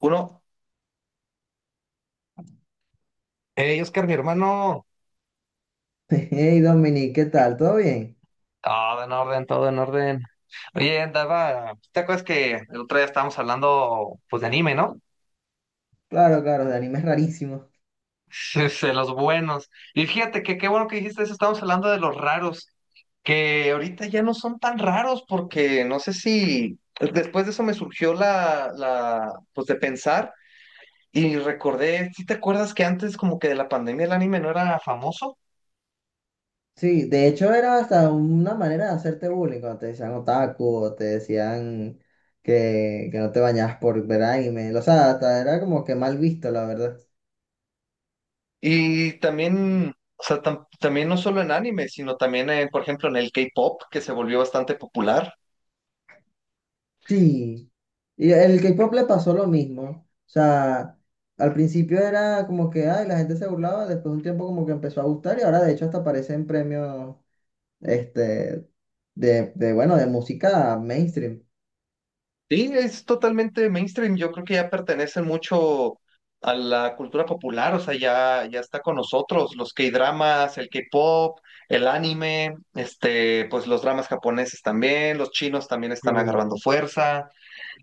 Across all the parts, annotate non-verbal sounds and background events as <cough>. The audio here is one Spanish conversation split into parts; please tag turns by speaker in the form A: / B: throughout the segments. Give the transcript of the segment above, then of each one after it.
A: Uno. Hey, Oscar, mi hermano.
B: <laughs> Hey Dominic, ¿qué tal? ¿Todo bien?
A: Todo en orden, todo en orden. Oye, andaba. ¿Te acuerdas que el otro día estábamos hablando, pues, de anime, no?
B: Claro, claro, de animes rarísimos.
A: <laughs> De los buenos. Y fíjate que qué bueno que dijiste eso. Estábamos hablando de los raros, que ahorita ya no son tan raros, porque no sé si después de eso me surgió pues, de pensar y recordé. ¿Sí te acuerdas que antes, como que de la pandemia, el anime no era famoso?
B: Sí, de hecho era hasta una manera de hacerte bullying cuando te decían otaku o te decían que no te bañabas por ver anime. O sea, hasta era como que mal visto, la verdad.
A: Y también, o sea, también no solo en anime, sino también, por ejemplo, en el K-pop, que se volvió bastante popular.
B: Sí. Y el K-pop le pasó lo mismo. O sea, al principio era como que, ay, la gente se burlaba, después de un tiempo como que empezó a gustar y ahora de hecho hasta aparecen premios, este, bueno, de música mainstream.
A: Sí, es totalmente mainstream. Yo creo que ya pertenecen mucho a la cultura popular, o sea, ya está con nosotros, los K-dramas, el K-pop, el anime, este, pues los dramas japoneses también, los chinos también están agarrando
B: Sí.
A: fuerza.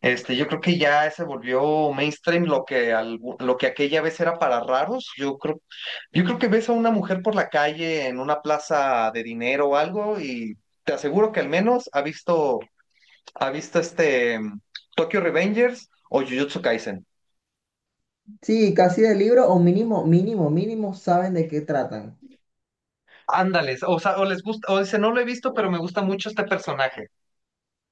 A: Este, yo creo que ya se volvió mainstream lo que, lo que aquella vez era para raros. Yo creo que ves a una mujer por la calle en una plaza de dinero o algo y te aseguro que al menos ha visto, ha visto Tokyo Revengers o Jujutsu Kaisen.
B: Sí, casi de libro o mínimo, mínimo, mínimo saben de qué tratan.
A: Ándales, o sea, o les gusta, o dice, no lo he visto, pero me gusta mucho este personaje,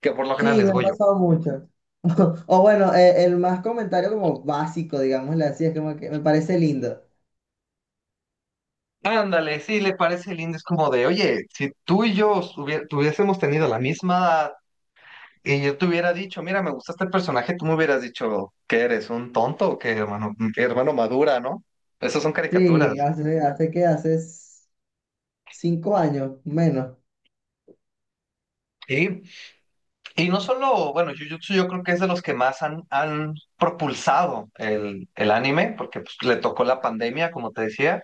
A: que por lo general
B: Sí,
A: es
B: me ha
A: Goyo.
B: pasado mucho. <laughs> O bueno, el más comentario como básico, digámosle así, es como que me parece lindo.
A: Ándale, sí, le parece lindo, es como de, oye, si tú y yo tuviésemos tenido la misma edad. Y yo te hubiera dicho, mira, me gusta este personaje, tú me hubieras dicho, ¿qué eres? ¿Un tonto o qué, hermano? ¿Qué hermano madura, no? Esas son
B: Sí,
A: caricaturas.
B: hace, hace que hace s- 5 años, menos.
A: Y, y no solo, bueno, Jujutsu yo creo que es de los que más han propulsado el anime, porque pues, le tocó la pandemia, como te decía.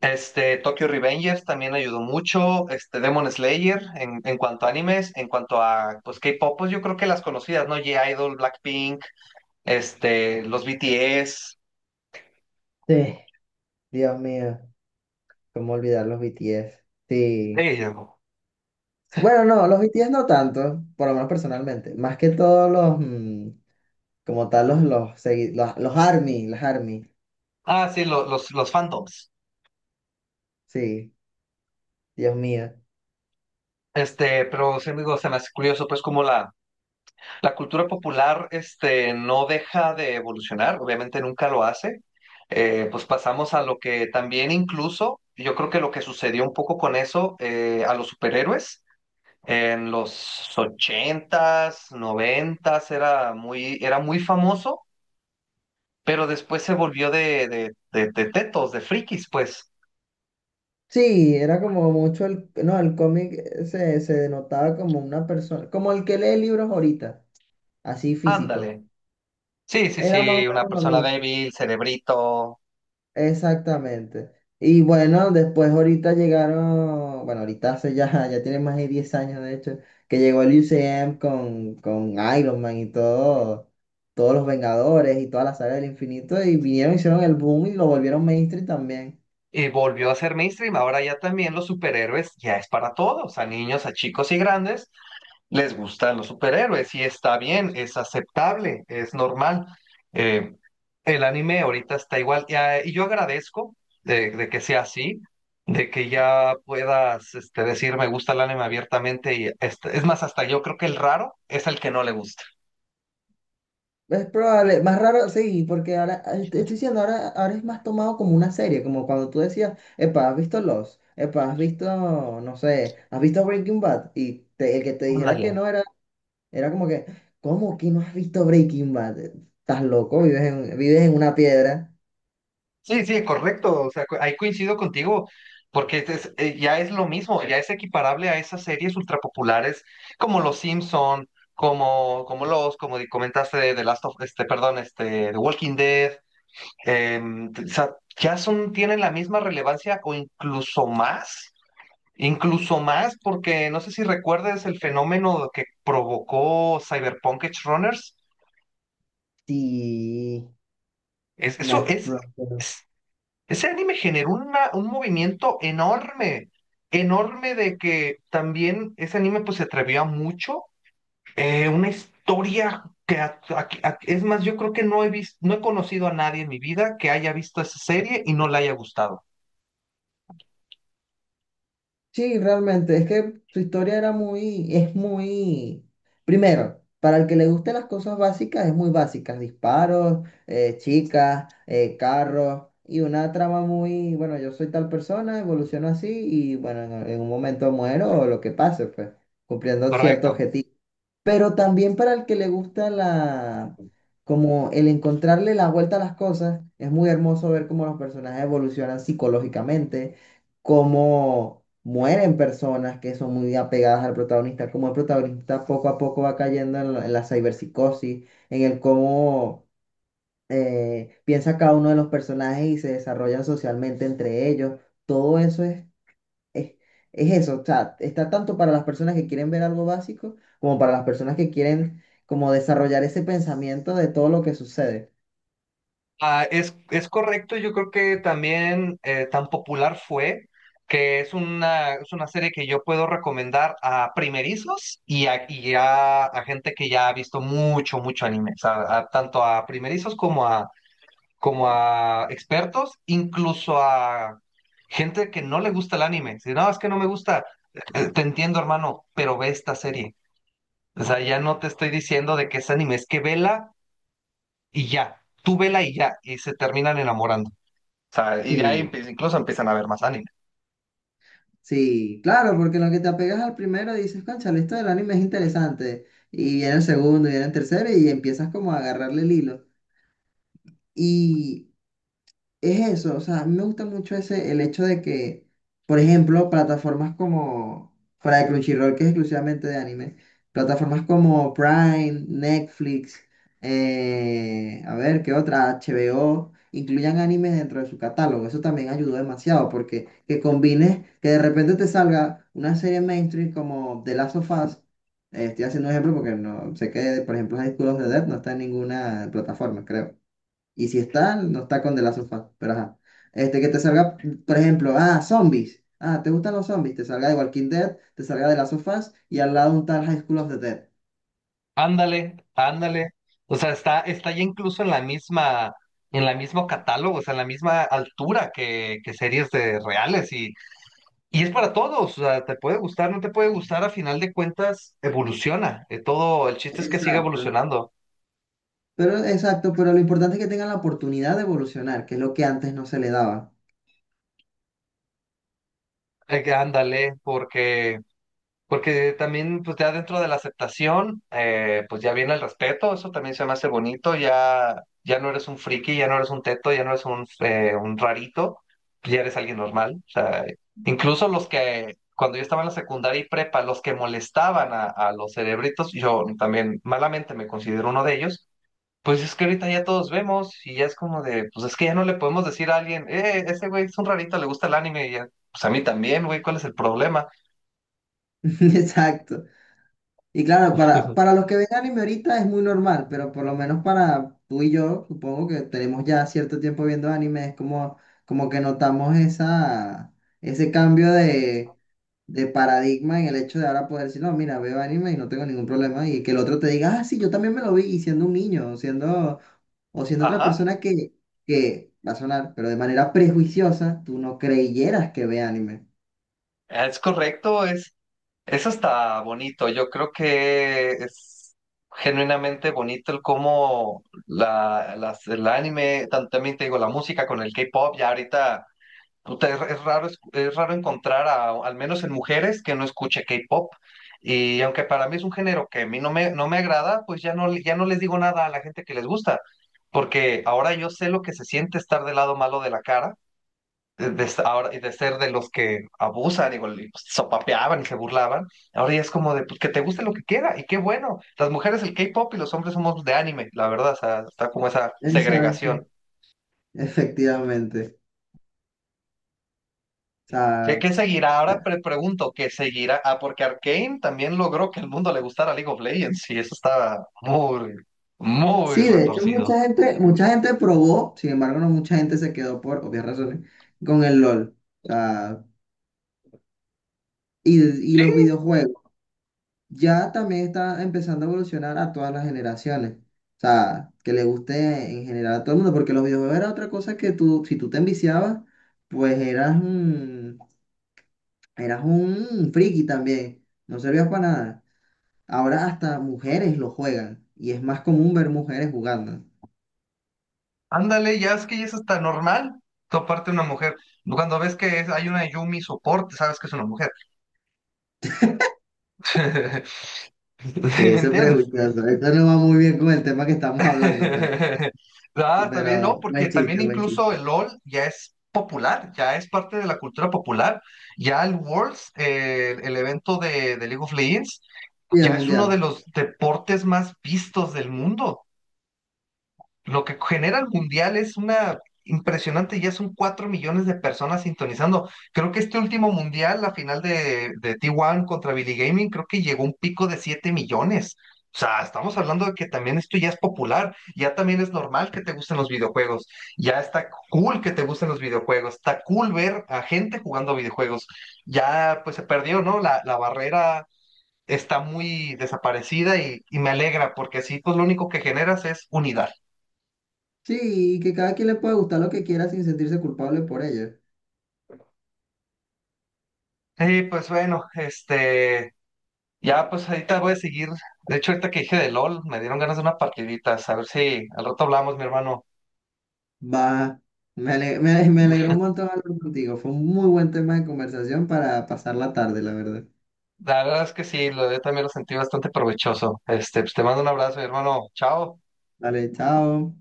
A: Este, Tokyo Revengers también ayudó mucho, este, Demon Slayer en cuanto a animes, en cuanto a, pues, K-pop, pues yo creo que las conocidas, ¿no? G-Idol, Blackpink, este, los BTS.
B: Sí, Dios mío, cómo olvidar los BTS. Sí.
A: Sí.
B: Bueno, no, los BTS no tanto, por lo menos personalmente. Más que todos los, como tal, los ARMY, las ARMY.
A: Ah, sí, los fandoms.
B: Sí, Dios mío.
A: Este, pero sí, digo, se me hace curioso, pues, como la cultura popular, este, no deja de evolucionar, obviamente nunca lo hace. Pues pasamos a lo que también incluso, yo creo que lo que sucedió un poco con eso, a los superhéroes, en los ochentas, noventas, era muy famoso, pero después se volvió de tetos, de frikis, pues,
B: Sí, era como mucho el, no, el cómic se denotaba como una persona, como el que lee libros ahorita, así físico.
A: ándale. Sí, sí,
B: Era más o
A: sí, una
B: menos lo
A: persona
B: mismo.
A: débil, cerebrito.
B: Exactamente. Y bueno, después ahorita llegaron, bueno, ahorita hace ya, <laughs> ya tiene más de 10 años de hecho, que llegó el UCM con Iron Man y todo, todos los Vengadores y toda la saga del infinito y vinieron, hicieron el boom y lo volvieron mainstream también.
A: Volvió a ser mainstream. Ahora ya también los superhéroes ya es para todos, a niños, a chicos y grandes, les gustan los superhéroes y está bien, es aceptable, es normal. Eh, el anime ahorita está igual y, ah, y yo agradezco de que sea así, de que ya puedas este, decir me gusta el anime abiertamente y este, es más, hasta yo creo que el raro es el que no le gusta.
B: Es probable, más raro, sí, porque ahora, te estoy diciendo, ahora es más tomado como una serie, como cuando tú decías, epa, ¿has visto Lost? Epa, ¿has visto, no sé, ¿has visto Breaking Bad? El que te dijera
A: Ándale.
B: que no era, era como que, ¿cómo que no has visto Breaking Bad? Estás loco, vives en una piedra.
A: Sí, sí, correcto. O sea, ahí coincido contigo, porque ya es lo mismo, ya es equiparable a esas series ultrapopulares como Los Simpson, como los, comentaste de The Last of, este, perdón, este, The Walking Dead. O sea, ya son, tienen la misma relevancia o incluso más, porque no sé si recuerdas el fenómeno que provocó Cyberpunk Edge Runners.
B: Sí,
A: Es, eso
B: nah,
A: es.
B: no, no.
A: Ese anime generó un movimiento enorme, enorme de que también ese anime pues se atrevió a mucho. Una historia que es más, yo creo que no he visto, no he conocido a nadie en mi vida que haya visto esa serie y no la haya gustado.
B: Sí, realmente, es que su historia era muy, es muy, primero, para el que le gusten las cosas básicas, es muy básicas, disparos, chicas, carros, y una trama muy, bueno, yo soy tal persona, evoluciono así, y bueno, en un momento muero o lo que pase, pues, cumpliendo cierto
A: Correcto.
B: objetivo. Pero también para el que le gusta la, como el encontrarle la vuelta a las cosas, es muy hermoso ver cómo los personajes evolucionan psicológicamente, cómo mueren personas que son muy apegadas al protagonista, cómo el protagonista poco a poco va cayendo en la ciberpsicosis, en el cómo piensa cada uno de los personajes y se desarrollan socialmente entre ellos. Todo eso es, es eso, o sea, está tanto para las personas que quieren ver algo básico como para las personas que quieren como desarrollar ese pensamiento de todo lo que sucede.
A: Ah, es correcto, yo creo que también tan popular fue que es una serie que yo puedo recomendar a primerizos y a gente que ya ha visto mucho, mucho anime, o sea, tanto a primerizos como a, como a expertos, incluso a gente que no le gusta el anime. Si no, es que no me gusta, te entiendo, hermano, pero ve esta serie. O sea, ya no te estoy diciendo de que es anime, es que vela y ya, tú vela y ya, y se terminan enamorando. O sea, y de ahí
B: Sí,
A: incluso empiezan a ver más anime.
B: sí, claro, porque en lo que te apegas al primero dices, cónchale, esto del anime es interesante. Y viene el segundo, y viene el tercero, y empiezas como a agarrarle el hilo. y Es eso, o sea, a mí me gusta mucho ese, el hecho de que, por ejemplo, plataformas como, fuera de Crunchyroll, que es exclusivamente de anime, plataformas como Prime, Netflix, a ver, ¿qué otra? HBO, incluyan animes dentro de su catálogo. Eso también ayudó demasiado, porque que combines, que de repente te salga una serie mainstream como The Last of Us, estoy haciendo un ejemplo porque no sé que, por ejemplo, High School of the Dead no está en ninguna plataforma, creo. Y si está, no está con de la sofá. Pero ajá. Este, que te salga, por ejemplo, ah, zombies. Ah, ¿te gustan los zombies? Te salga de Walking Dead, te salga de las of Us y al lado un tal High School of the Dead.
A: Ándale, ándale. O sea, está ya incluso en la misma, en la mismo catálogo, o sea, en la misma altura que series de reales y es para todos. O sea, te puede gustar, no te puede gustar, a final de cuentas evoluciona. Todo, el chiste es que siga
B: Exacto.
A: evolucionando.
B: Pero, exacto, pero lo importante es que tengan la oportunidad de evolucionar, que es lo que antes no se le daba.
A: Ándale, porque también, pues ya dentro de la aceptación, pues ya viene el respeto, eso también se me hace bonito, ya no eres un friki, ya no eres un teto, ya no eres un rarito, pues, ya eres alguien normal. O sea, incluso los que, cuando yo estaba en la secundaria y prepa, los que molestaban a los cerebritos, yo también malamente me considero uno de ellos, pues es que ahorita ya todos vemos y ya es como de, pues es que ya no le podemos decir a alguien, ese güey es un rarito, le gusta el anime, y ya, pues a mí también, güey, ¿cuál es el problema?
B: <laughs> Exacto. Y claro, para
A: <laughs>
B: los que ven anime ahorita es muy normal, pero por lo menos para tú y yo, supongo que tenemos ya cierto tiempo viendo anime, es como, como que notamos esa, ese cambio de paradigma en el hecho de ahora poder decir, no, mira, veo anime y no tengo ningún problema, y que el otro te diga, ah, sí, yo también me lo vi, y siendo un niño, o siendo otra
A: Ajá.
B: persona que va a sonar, pero de manera prejuiciosa, tú no creyeras que ve anime.
A: Es correcto, es, eso está bonito. Yo creo que es genuinamente bonito el cómo la, las, el anime, también te digo, la música con el K-pop, ya ahorita puta, es raro, es raro encontrar a, al menos en mujeres que no escuche K-pop. Y aunque para mí es un género que a mí no me agrada, pues ya no les digo nada a la gente que les gusta, porque ahora yo sé lo que se siente estar del lado malo de la cara ahora, y de ser de los que abusan y pues, sopapeaban y se burlaban, ahora ya es como de pues, que te guste lo que quiera, y qué bueno. Las mujeres el K-pop y los hombres somos de anime, la verdad, o sea, está como esa
B: Exacto,
A: segregación.
B: <laughs> efectivamente. O
A: ¿Qué,
B: sea,
A: qué seguirá? Ahora pregunto, ¿qué seguirá? Ah, porque Arcane también logró que el mundo le gustara League of Legends, y eso estaba muy, muy
B: sí, de hecho
A: retorcido.
B: mucha gente probó, sin embargo no mucha gente se quedó por obvias razones con el LOL. O sea, y los
A: Sí,
B: videojuegos. Ya también está empezando a evolucionar a todas las generaciones. O sea, que le guste en general a todo el mundo, porque los videojuegos era otra cosa que tú, si tú te enviciabas, pues eras un friki también. No servías para nada. Ahora hasta mujeres lo juegan y es más común ver mujeres jugando.
A: ándale, ya es que eso está normal, toparte una mujer. Cuando ves que hay una Yumi soporte, sabes que es una mujer. <laughs> <laughs> ¿Me
B: Eso es
A: entiendes?
B: prejuicioso. Esto no va muy bien con el tema que estamos hablando,
A: <laughs> Ah, está bien,
B: pero
A: no, porque
B: buen
A: también
B: chiste, buen
A: incluso
B: chiste.
A: el LOL ya es popular, ya es parte de la cultura popular. Ya el Worlds, el evento de League of Legends,
B: Y el
A: ya es uno de
B: mundial.
A: los deportes más vistos del mundo. Lo que genera el mundial es una impresionante, ya son 4 millones de personas sintonizando. Creo que este último mundial, la final de T1 contra Billy Gaming, creo que llegó a un pico de 7 millones. O sea, estamos hablando de que también esto ya es popular, ya también es normal que te gusten los videojuegos, ya está cool que te gusten los videojuegos, está cool ver a gente jugando videojuegos. Ya pues se perdió, ¿no? La barrera está muy desaparecida y me alegra porque así pues lo único que generas es unidad.
B: Sí, y que cada quien le puede gustar lo que quiera sin sentirse culpable por ello.
A: Sí, pues bueno, este, ya pues ahorita voy a seguir. De hecho, ahorita que dije de LOL, me dieron ganas de una partidita. A ver si al rato hablamos, mi hermano.
B: Va. Me alegró un montón hablar contigo. Fue un muy buen tema de conversación para pasar la tarde, la verdad.
A: La verdad es que sí, yo también lo sentí bastante provechoso. Este, pues te mando un abrazo, mi hermano. Chao.
B: Vale, chao.